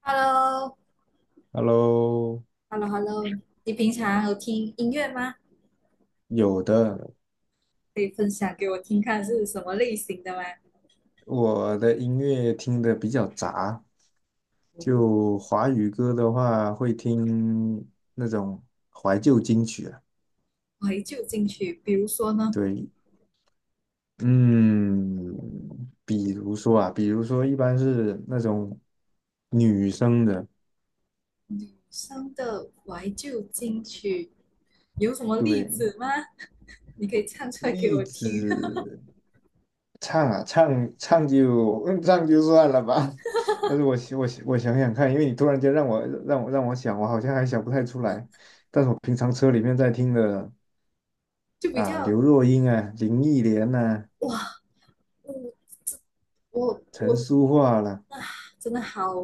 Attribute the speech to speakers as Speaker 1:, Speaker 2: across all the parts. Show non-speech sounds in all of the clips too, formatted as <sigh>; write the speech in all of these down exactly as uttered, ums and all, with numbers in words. Speaker 1: Hello，Hello，Hello，
Speaker 2: Hello。
Speaker 1: 你平常有听音乐吗？
Speaker 2: 有的。
Speaker 1: 可以分享给我听看是什么类型的吗？
Speaker 2: 我的音乐听的比较杂，就华语歌的话会听那种怀旧金曲啊。
Speaker 1: 怀旧金曲，比如说呢？
Speaker 2: 对。嗯。比如说啊，比如说一般是那种女生的。
Speaker 1: 女生的怀旧金曲有什么例
Speaker 2: 对。
Speaker 1: 子吗？你可以唱出来给
Speaker 2: 栗
Speaker 1: 我听。
Speaker 2: 子。唱啊，唱唱就嗯唱就算了吧。<laughs> 但是我想我想我想想看，因为你突然间让我让我让我想，我好像还想不太出来。但是我平常车里面在听的
Speaker 1: <laughs> 就比
Speaker 2: 啊，
Speaker 1: 较
Speaker 2: 刘若英啊，林忆莲呐、
Speaker 1: 哇，我我我
Speaker 2: 陈淑桦啦。
Speaker 1: 啊，真的好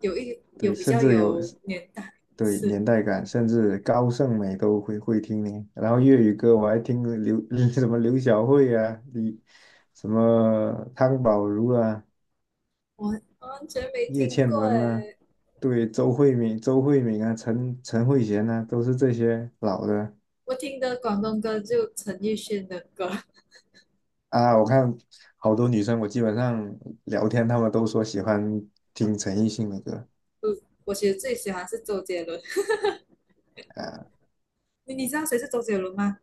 Speaker 1: 有一有
Speaker 2: 对，
Speaker 1: 比
Speaker 2: 甚
Speaker 1: 较
Speaker 2: 至有，
Speaker 1: 有年代，
Speaker 2: 对
Speaker 1: 是
Speaker 2: 年代感，甚至高胜美都会会听呢。然后粤语歌我还听刘 <laughs> 什么刘小慧啊，李什么汤宝如啊，
Speaker 1: 我完全没
Speaker 2: 叶
Speaker 1: 听
Speaker 2: 倩
Speaker 1: 过
Speaker 2: 文啦、
Speaker 1: 诶。
Speaker 2: 对，周慧敏、周慧敏啊，陈陈慧娴啊，都是这些老的
Speaker 1: 我听的广东歌就陈奕迅的歌。
Speaker 2: 啊。我看好多女生，我基本上聊天，她们都说喜欢听陈奕迅的歌
Speaker 1: 我其实最喜欢是周杰伦，
Speaker 2: 啊。
Speaker 1: 你你知道谁是周杰伦吗？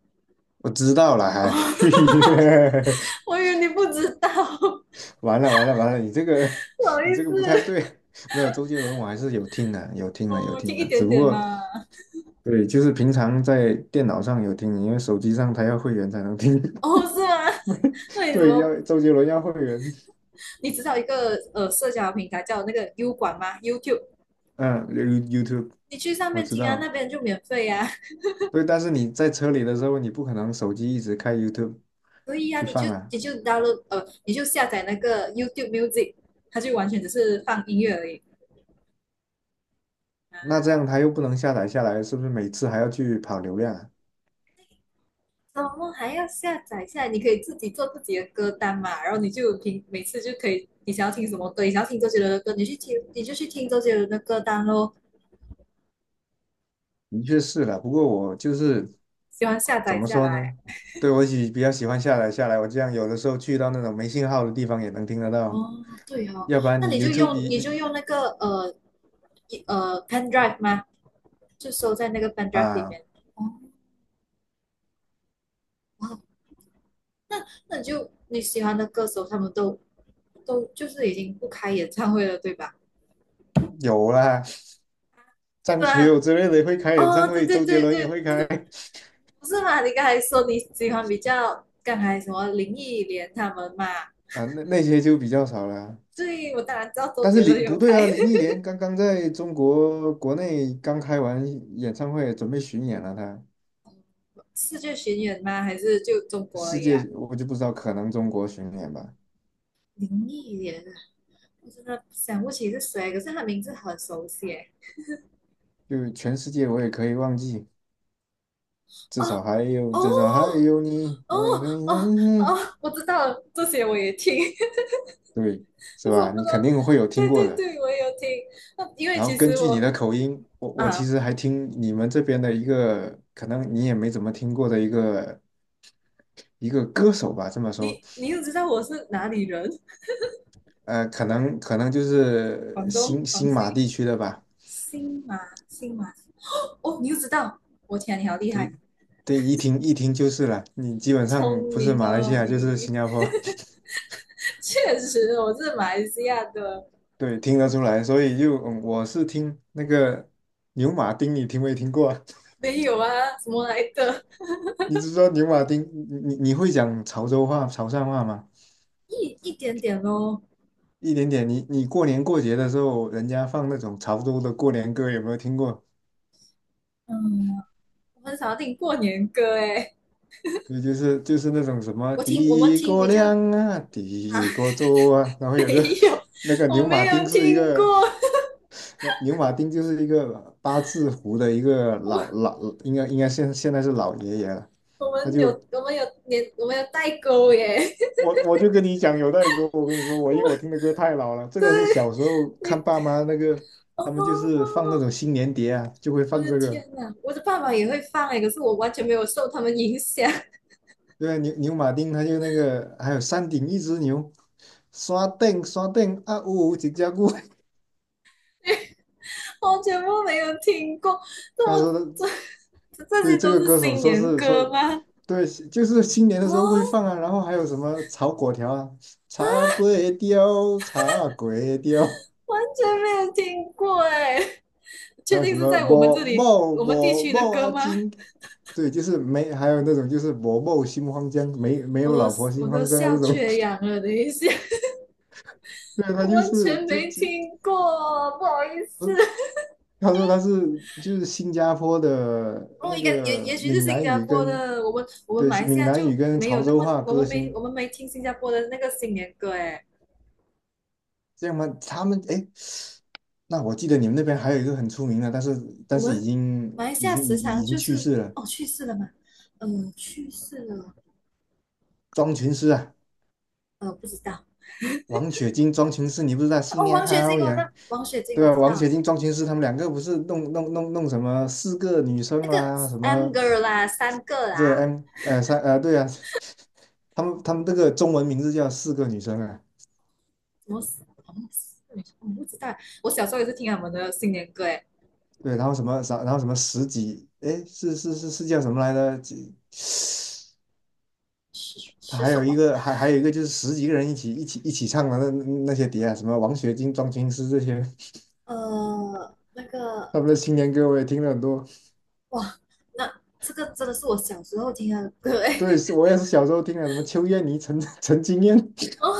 Speaker 2: 我知道了，还
Speaker 1: 哦，
Speaker 2: <laughs>
Speaker 1: 我以为你不知道，不
Speaker 2: 完了完了完了，你这个
Speaker 1: 好
Speaker 2: 你
Speaker 1: 意
Speaker 2: 这个不太
Speaker 1: 思。
Speaker 2: 对。没有周杰伦，我还是有听的，有听的，有
Speaker 1: 哦，
Speaker 2: 听
Speaker 1: 听
Speaker 2: 的。
Speaker 1: 一
Speaker 2: 只
Speaker 1: 点
Speaker 2: 不
Speaker 1: 点
Speaker 2: 过
Speaker 1: 嘛。
Speaker 2: 对，就是平常在电脑上有听，因为手机上他要会员才能听。
Speaker 1: 哦，是吗？
Speaker 2: <laughs>
Speaker 1: 那你怎
Speaker 2: 对，要
Speaker 1: 么？
Speaker 2: 周杰伦要会员。
Speaker 1: 你知道一个呃社交平台叫那个 U 管吗？YouTube，
Speaker 2: 嗯，You-，YouTube。
Speaker 1: 你去上
Speaker 2: 我
Speaker 1: 面
Speaker 2: 知
Speaker 1: 听啊，那
Speaker 2: 道。
Speaker 1: 边就免费啊。
Speaker 2: 对，但是你在车里的时候，你不可能手机一直开 YouTube
Speaker 1: 所以啊，
Speaker 2: 去
Speaker 1: 你就
Speaker 2: 放啊。
Speaker 1: 你就 download 呃，你就下载那个 YouTube Music，它就完全只是放音乐而已。
Speaker 2: 那这样它又不能下载下来，是不是每次还要去跑流量啊？
Speaker 1: 怎么还要下载下来？你可以自己做自己的歌单嘛，然后你就听，每次就可以，你想要听什么歌，你想要听周杰伦的歌，你去听，你就去听周杰伦的歌单咯。
Speaker 2: 的确是了。不过我就是
Speaker 1: 喜欢下
Speaker 2: 怎
Speaker 1: 载
Speaker 2: 么
Speaker 1: 下
Speaker 2: 说
Speaker 1: 来。
Speaker 2: 呢？对，我喜比较喜欢下载下来，我这样有的时候去到那种没信号的地方也能听得到。
Speaker 1: 哦，对哦。
Speaker 2: 要不然
Speaker 1: 那你
Speaker 2: 你
Speaker 1: 就
Speaker 2: YouTube
Speaker 1: 用
Speaker 2: 一
Speaker 1: 你就
Speaker 2: 你
Speaker 1: 用那个呃一呃 pen drive 吗？就收在那个 pen drive 里
Speaker 2: 啊
Speaker 1: 面。哦，哇，那那你就你喜欢的歌手他们都都就是已经不开演唱会了，对吧？
Speaker 2: 有啦，
Speaker 1: 是
Speaker 2: 张学
Speaker 1: 吗？
Speaker 2: 友之类的会开演
Speaker 1: 哦，
Speaker 2: 唱
Speaker 1: 对
Speaker 2: 会，
Speaker 1: 对
Speaker 2: 周杰
Speaker 1: 对
Speaker 2: 伦也
Speaker 1: 对，
Speaker 2: 会开
Speaker 1: 不是嘛？你刚才说你喜欢比较刚才什么林忆莲他们嘛？
Speaker 2: 啊，那那些就比较少了。
Speaker 1: 对，我当然知道周
Speaker 2: 但是
Speaker 1: 杰伦
Speaker 2: 林
Speaker 1: 有
Speaker 2: 不对
Speaker 1: 开。
Speaker 2: 啊，林忆莲刚刚在中国国内刚开完演唱会，准备巡演了她。
Speaker 1: <laughs> 世界巡演吗？还是就中国而
Speaker 2: 世
Speaker 1: 已
Speaker 2: 界
Speaker 1: 啊？
Speaker 2: 我就不知道，可能中国巡演吧，
Speaker 1: 林忆莲啊，我真的想不起是谁，可是他名字很熟悉耶。
Speaker 2: 就全世界我也可以忘记，至
Speaker 1: 哦
Speaker 2: 少还有至少还
Speaker 1: 哦
Speaker 2: 有你，
Speaker 1: 哦
Speaker 2: 我也可以。<laughs>
Speaker 1: 哦
Speaker 2: 嗯
Speaker 1: 哦，
Speaker 2: 嗯。
Speaker 1: 我知道了，这些我也听。<laughs>
Speaker 2: 对，是
Speaker 1: 但是我
Speaker 2: 吧？
Speaker 1: 不
Speaker 2: 你肯
Speaker 1: 能。
Speaker 2: 定会有听
Speaker 1: 对
Speaker 2: 过
Speaker 1: 对
Speaker 2: 的。
Speaker 1: 对，我也有听。那因为
Speaker 2: 然后
Speaker 1: 其
Speaker 2: 根
Speaker 1: 实
Speaker 2: 据你
Speaker 1: 我
Speaker 2: 的口音，我我其
Speaker 1: 啊，
Speaker 2: 实还听你们这边的一个，可能你也没怎么听过的一个一个歌手吧，这么说。
Speaker 1: 你你又知道我是哪里人。
Speaker 2: 呃，可能可能就是
Speaker 1: 广东
Speaker 2: 新
Speaker 1: 广
Speaker 2: 新马
Speaker 1: 西
Speaker 2: 地区的吧。
Speaker 1: 新马新马哦，你就知道，我天，你好厉害。
Speaker 2: 对对，一听一听就是了，你基本上
Speaker 1: 聪
Speaker 2: 不是
Speaker 1: 明
Speaker 2: 马来西
Speaker 1: 哦
Speaker 2: 亚就是
Speaker 1: 你。
Speaker 2: 新加坡。
Speaker 1: 确实，我是马来西亚的。
Speaker 2: <laughs> 对，听得出来，所以就嗯我是听那个牛马丁，你听没听过啊？
Speaker 1: 没有啊，什么来的？
Speaker 2: <laughs> 你知说牛马丁，你你你会讲潮州话、潮汕话吗？
Speaker 1: 一一点点咯。
Speaker 2: 一点点，你你过年过节的时候，人家放那种潮州的过年歌，有没有听过？
Speaker 1: 嗯，我很少听过年歌诶。
Speaker 2: 对，就是就是那种什么
Speaker 1: 我听我们
Speaker 2: 的
Speaker 1: 听
Speaker 2: 哥
Speaker 1: 比较
Speaker 2: 亮啊，
Speaker 1: 啊，
Speaker 2: 的哥州啊，然
Speaker 1: <laughs>
Speaker 2: 后有个
Speaker 1: 没
Speaker 2: <laughs>
Speaker 1: 有，
Speaker 2: 那个
Speaker 1: 我
Speaker 2: 牛马
Speaker 1: 没
Speaker 2: 丁
Speaker 1: 有
Speaker 2: 是一
Speaker 1: 听
Speaker 2: 个，
Speaker 1: 过。
Speaker 2: 那牛马丁就是一个八字胡的一个老
Speaker 1: 我
Speaker 2: 老，应该应该现现在是老爷爷了。
Speaker 1: 我
Speaker 2: 他
Speaker 1: 们有
Speaker 2: 就
Speaker 1: 我们有年我们有代沟耶。
Speaker 2: 我我就跟你讲有代沟，我跟你说，我因为我
Speaker 1: 我
Speaker 2: 听的歌太老了，这
Speaker 1: 对
Speaker 2: 个是小时候看
Speaker 1: 你
Speaker 2: 爸妈那个，他们就是
Speaker 1: 哦，
Speaker 2: 放那种新年碟啊，就会
Speaker 1: 我
Speaker 2: 放
Speaker 1: 的
Speaker 2: 这个。
Speaker 1: 天哪，我的爸爸也会放诶，可是我完全没有受他们影响。
Speaker 2: 对啊，牛牛马丁，他就那个，还有山顶一只牛，刷顶刷顶啊呜呜几加固。
Speaker 1: 我全部没有听过，
Speaker 2: <laughs>
Speaker 1: 这
Speaker 2: 他说
Speaker 1: 么
Speaker 2: 的，
Speaker 1: 这这
Speaker 2: 对
Speaker 1: 些
Speaker 2: 这
Speaker 1: 都
Speaker 2: 个
Speaker 1: 是
Speaker 2: 歌手
Speaker 1: 新
Speaker 2: 说
Speaker 1: 年
Speaker 2: 是说，
Speaker 1: 歌吗？
Speaker 2: 对，就是新年的时
Speaker 1: 啊，
Speaker 2: 候会放啊，然后还有什么炒果条啊，茶粿条，茶粿条，
Speaker 1: 完全没有听过哎，
Speaker 2: 还
Speaker 1: 确
Speaker 2: 有
Speaker 1: 定
Speaker 2: 什么
Speaker 1: 是在我们这
Speaker 2: 我
Speaker 1: 里
Speaker 2: 某
Speaker 1: 我们地
Speaker 2: 我
Speaker 1: 区的
Speaker 2: 某
Speaker 1: 歌
Speaker 2: 阿
Speaker 1: 吗？
Speaker 2: 金。对，就是没，还有那种就是我某心慌张，没没
Speaker 1: 我
Speaker 2: 有
Speaker 1: 都
Speaker 2: 老婆
Speaker 1: 我
Speaker 2: 心
Speaker 1: 都
Speaker 2: 慌张啊这
Speaker 1: 笑
Speaker 2: 种。
Speaker 1: 缺氧了，等一下。
Speaker 2: <laughs> 对，他就
Speaker 1: 完
Speaker 2: 是
Speaker 1: 全
Speaker 2: 就
Speaker 1: 没
Speaker 2: 就。
Speaker 1: 听过，不好意思。
Speaker 2: 他说他是就是新加坡的
Speaker 1: 哦，
Speaker 2: 那
Speaker 1: 应该也也
Speaker 2: 个
Speaker 1: 许是
Speaker 2: 闽
Speaker 1: 新
Speaker 2: 南
Speaker 1: 加
Speaker 2: 语
Speaker 1: 坡
Speaker 2: 跟
Speaker 1: 的，我们我们
Speaker 2: 对
Speaker 1: 马来西
Speaker 2: 闽
Speaker 1: 亚
Speaker 2: 南语
Speaker 1: 就
Speaker 2: 跟
Speaker 1: 没有
Speaker 2: 潮
Speaker 1: 那
Speaker 2: 州
Speaker 1: 么，
Speaker 2: 话
Speaker 1: 我
Speaker 2: 歌
Speaker 1: 们没我
Speaker 2: 星。
Speaker 1: 们没听新加坡的那个新年歌哎。
Speaker 2: 这样吗？他们哎，诶那我记得你们那边还有一个很出名的，但是但
Speaker 1: 我
Speaker 2: 是已
Speaker 1: 们马
Speaker 2: 经
Speaker 1: 来西
Speaker 2: 已
Speaker 1: 亚
Speaker 2: 经
Speaker 1: 时
Speaker 2: 已
Speaker 1: 常
Speaker 2: 已经
Speaker 1: 就
Speaker 2: 去
Speaker 1: 是
Speaker 2: 世了，
Speaker 1: 哦去世了嘛，呃去世了。
Speaker 2: 庄群诗啊。
Speaker 1: 呃，不知道
Speaker 2: 王雪晶、庄群诗，你不知道新
Speaker 1: 哦，
Speaker 2: 年
Speaker 1: 王雪
Speaker 2: 好
Speaker 1: 晶，我知
Speaker 2: 呀？
Speaker 1: 道，王雪晶，我
Speaker 2: 对啊，
Speaker 1: 知
Speaker 2: 王
Speaker 1: 道。
Speaker 2: 雪晶、庄群诗他们两个不是弄弄弄弄什么四个女生
Speaker 1: 那个
Speaker 2: 啦，什
Speaker 1: a M
Speaker 2: 么
Speaker 1: g e r 啦，三个
Speaker 2: 对
Speaker 1: 啦。
Speaker 2: M 呃三呃对啊。<laughs> 他们他们这个中文名字叫四个女生啊。
Speaker 1: 什么什么？我不知道。我小时候也是听他们的新年歌，诶。
Speaker 2: 对，然后什么，啥，然后什么十几，哎，是是是是叫什么来着？几
Speaker 1: 是
Speaker 2: 他
Speaker 1: 是
Speaker 2: 还
Speaker 1: 什
Speaker 2: 有一
Speaker 1: 么？
Speaker 2: 个，还还有一个就是十几个人一起一起一起唱的那那些碟啊，什么王雪晶、庄青诗这些，
Speaker 1: 呃，那个
Speaker 2: 他们的新年歌我也听了很多。
Speaker 1: 哇，那这个真的是我小时候听的歌，诶。
Speaker 2: 对，是我也是小时候听的，什么邱燕妮、陈陈金燕。
Speaker 1: <laughs> 哦，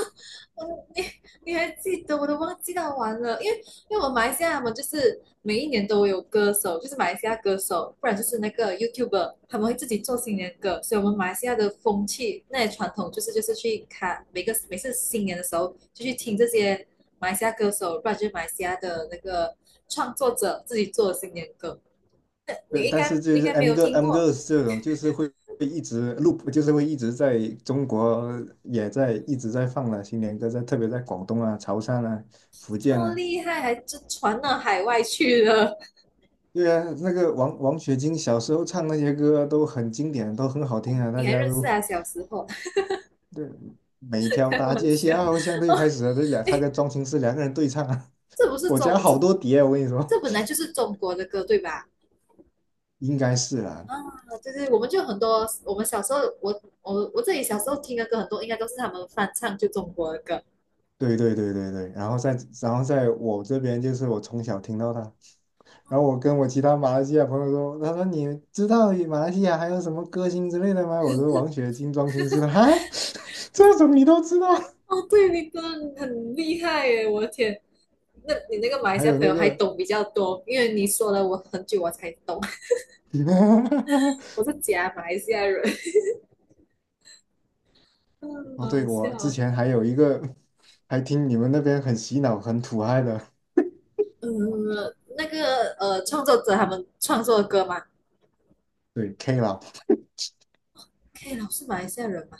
Speaker 1: 你你还记得？我都忘记到完了，因为因为我们马来西亚嘛，就是每一年都有歌手，就是马来西亚歌手，不然就是那个 YouTuber，他们会自己做新年歌，所以我们马来西亚的风气那些传统就是就是去看每个每次新年的时候就去听这些马来西亚歌手，不然就是马来西亚的那个创作者自己做的新年歌，你
Speaker 2: 对，
Speaker 1: 应
Speaker 2: 但
Speaker 1: 该
Speaker 2: 是
Speaker 1: 你
Speaker 2: 就
Speaker 1: 应
Speaker 2: 是
Speaker 1: 该没
Speaker 2: M
Speaker 1: 有
Speaker 2: 歌
Speaker 1: 听
Speaker 2: M
Speaker 1: 过。
Speaker 2: girls 这种，就是会会一直 loop，就是会一直在中国也在一直在放了新年歌，在特别在广东啊、潮汕啊、福
Speaker 1: 这
Speaker 2: 建
Speaker 1: 么
Speaker 2: 啊。
Speaker 1: 厉害，还就传到海外去了。
Speaker 2: 对啊，那个王王雪晶小时候唱那些歌都很经典，都很好听啊，
Speaker 1: <laughs>
Speaker 2: 大
Speaker 1: 你还
Speaker 2: 家
Speaker 1: 认识
Speaker 2: 都
Speaker 1: 啊？小时候？
Speaker 2: 对，每
Speaker 1: <laughs>
Speaker 2: 条
Speaker 1: 开
Speaker 2: 大
Speaker 1: 玩
Speaker 2: 街
Speaker 1: 笑
Speaker 2: 小巷都
Speaker 1: 哦。
Speaker 2: 开始了，这俩
Speaker 1: <laughs>
Speaker 2: 他
Speaker 1: 哎，
Speaker 2: 跟庄心思两个人对唱啊。
Speaker 1: 这不
Speaker 2: <laughs>
Speaker 1: 是
Speaker 2: 我家
Speaker 1: 中这
Speaker 2: 好多碟啊，我跟你说。
Speaker 1: 这本来就是中国的歌对吧？
Speaker 2: <laughs> 应该是啦、
Speaker 1: 啊，对对，我们就很多，我们小时候我我我自己小时候听的歌很多，应该都是他们翻唱就中国的歌。
Speaker 2: 对对对对对，然后在然后在我这边就是我从小听到他，然后我跟我其他马来西亚朋友说，他说你知道马来西亚还有什么歌星之类的吗？我说王雪晶、庄心思，哈。<laughs> 这种你都知道。
Speaker 1: 哦，对，你真的很厉害耶！我的天，那你那个马
Speaker 2: <laughs>
Speaker 1: 来
Speaker 2: 还
Speaker 1: 西亚
Speaker 2: 有
Speaker 1: 朋
Speaker 2: 那
Speaker 1: 友还
Speaker 2: 个。
Speaker 1: 懂比较多，因为你说了我很久我才懂。<laughs>
Speaker 2: <laughs>
Speaker 1: 我是假马来西亚人。<laughs> 嗯，
Speaker 2: 哦，
Speaker 1: 好
Speaker 2: 对，
Speaker 1: 好
Speaker 2: 我
Speaker 1: 笑
Speaker 2: 之
Speaker 1: 哦。
Speaker 2: 前还有一个，还听你们那边很洗脑、很土嗨的，
Speaker 1: 嗯，那个呃，创作者他们创作的歌嘛，
Speaker 2: 对 K 老。
Speaker 1: 可以，老是马来西亚人嘛？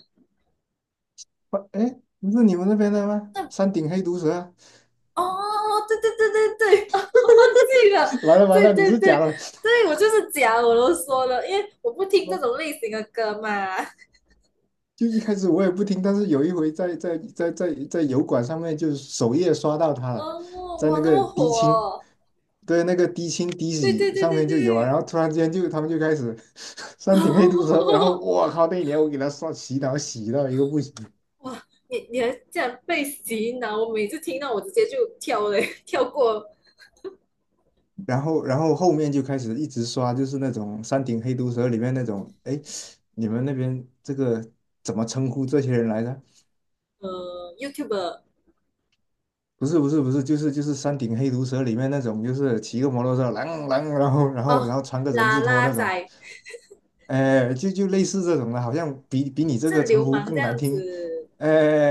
Speaker 2: 哎，不是你们那边的吗？山顶黑毒蛇啊。
Speaker 1: 哦，对对对对对，<laughs> 哦，忘记了。
Speaker 2: <laughs> 完了完
Speaker 1: 对
Speaker 2: 了，你
Speaker 1: 对
Speaker 2: 是
Speaker 1: 对
Speaker 2: 假的。
Speaker 1: 对，我就是讲，我都说了，因为我不听这种
Speaker 2: 哦，
Speaker 1: 类型的歌嘛。
Speaker 2: 就一开始我也不听，但是有一回在在在在在油管上面，就是首页刷到他了，
Speaker 1: 哦，
Speaker 2: 在
Speaker 1: 哇，
Speaker 2: 那
Speaker 1: 那
Speaker 2: 个
Speaker 1: 么火
Speaker 2: 低清。
Speaker 1: 哦。
Speaker 2: 对，那个低清低
Speaker 1: 对对
Speaker 2: 洗
Speaker 1: 对
Speaker 2: 上
Speaker 1: 对
Speaker 2: 面就有啊，
Speaker 1: 对，
Speaker 2: 然后突然间就他们就开始 <laughs> 山顶黑毒蛇，然后
Speaker 1: 哦，
Speaker 2: 我靠，那一年我给他刷洗脑洗到一个不行。
Speaker 1: 哇，你你还竟然被洗脑，我每次听到我直接就跳嘞，跳过
Speaker 2: 然后然后后面就开始一直刷，就是那种《山顶黑毒蛇》里面那种，哎，你们那边这个怎么称呼这些人来着？
Speaker 1: 呃 YouTube
Speaker 2: 不是不是不是，就是就是《山顶黑毒蛇》里面那种，就是骑个摩托车，啷啷，然后然后然
Speaker 1: 哦，
Speaker 2: 后穿个人
Speaker 1: 啦
Speaker 2: 字拖
Speaker 1: 啦
Speaker 2: 那种，
Speaker 1: 仔，
Speaker 2: 哎，就就类似这种的，好像比比你
Speaker 1: 好
Speaker 2: 这个
Speaker 1: 像
Speaker 2: 称
Speaker 1: 流
Speaker 2: 呼
Speaker 1: 氓这
Speaker 2: 更难
Speaker 1: 样
Speaker 2: 听，
Speaker 1: 子。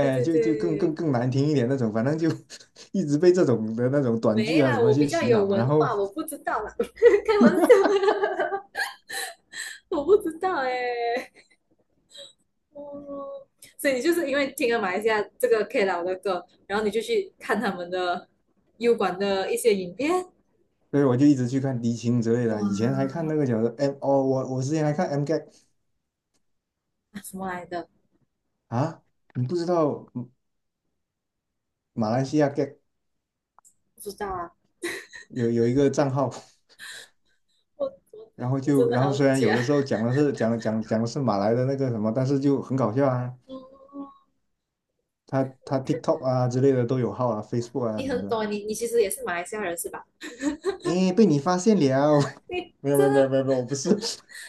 Speaker 1: 对对
Speaker 2: 就就更
Speaker 1: 对，
Speaker 2: 更更难听一点那种，反正就 <laughs> 一直被这种的那种短剧
Speaker 1: 没
Speaker 2: 啊什
Speaker 1: 啦，
Speaker 2: 么
Speaker 1: 我比
Speaker 2: 去
Speaker 1: 较
Speaker 2: 洗
Speaker 1: 有
Speaker 2: 脑，然
Speaker 1: 文
Speaker 2: 后
Speaker 1: 化，我不知道啦。<laughs> 开玩笑。<laughs> 我不知道哎、欸哦，所以你就是因为听了马来西亚这个 K 老的歌，然后你就去看他们的 U 管的一些影片，
Speaker 2: 所以我就一直去看迪青之类
Speaker 1: 哇，
Speaker 2: 的。以前还看那个叫做 M 哦，我我之前还看 M Gag
Speaker 1: 什么来的？
Speaker 2: 啊，你不知道马来西亚 Gag
Speaker 1: 不知道啊，
Speaker 2: 有有一个账号，
Speaker 1: 我我
Speaker 2: 然后
Speaker 1: 我真
Speaker 2: 就
Speaker 1: 的
Speaker 2: 然后
Speaker 1: 好
Speaker 2: 虽然有的
Speaker 1: 假。
Speaker 2: 时候讲的是讲讲讲的是马来的那个什么，但是就很搞笑啊。
Speaker 1: 嗯，
Speaker 2: 他他
Speaker 1: 你看
Speaker 2: TikTok 啊之类的都有号啊，Facebook 啊
Speaker 1: 你
Speaker 2: 什么
Speaker 1: 很
Speaker 2: 的。
Speaker 1: 懂，你你其实也是马来西亚人是吧？
Speaker 2: 哎，被你发现了？<laughs>
Speaker 1: 你
Speaker 2: 没有没
Speaker 1: 真
Speaker 2: 有没有
Speaker 1: 的
Speaker 2: 没有没有，我不是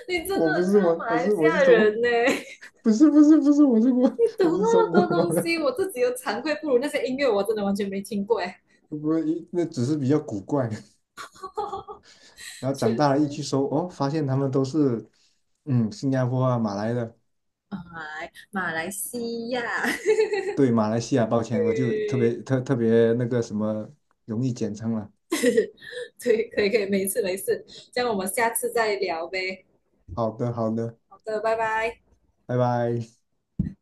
Speaker 1: 你真
Speaker 2: 我
Speaker 1: 的
Speaker 2: 不
Speaker 1: 很
Speaker 2: 是
Speaker 1: 像
Speaker 2: 我
Speaker 1: 马
Speaker 2: 我
Speaker 1: 来
Speaker 2: 是
Speaker 1: 西
Speaker 2: 我
Speaker 1: 亚
Speaker 2: 是中国。
Speaker 1: 人呢、欸
Speaker 2: 不是不是不是我是我
Speaker 1: 你懂
Speaker 2: 我是中
Speaker 1: 那么
Speaker 2: 国
Speaker 1: 多东
Speaker 2: 的。
Speaker 1: 西，我自己都惭愧不如那些音乐我真的完全没听过哎，欸。
Speaker 2: <laughs> 不那只是比较古怪。然
Speaker 1: <laughs>
Speaker 2: 后长
Speaker 1: 确
Speaker 2: 大了一
Speaker 1: 实。
Speaker 2: 去搜，哦，发现他们都是嗯新加坡啊、马来的。
Speaker 1: 来马来西亚，<laughs>
Speaker 2: 对马来西亚，抱歉，我就特别
Speaker 1: 对，
Speaker 2: 特特别那个什么容易简称了。
Speaker 1: <laughs> 对，可以可以，没事没事，这样我们下次再聊呗。
Speaker 2: 好的，好的，
Speaker 1: 好的，拜拜。
Speaker 2: 拜拜。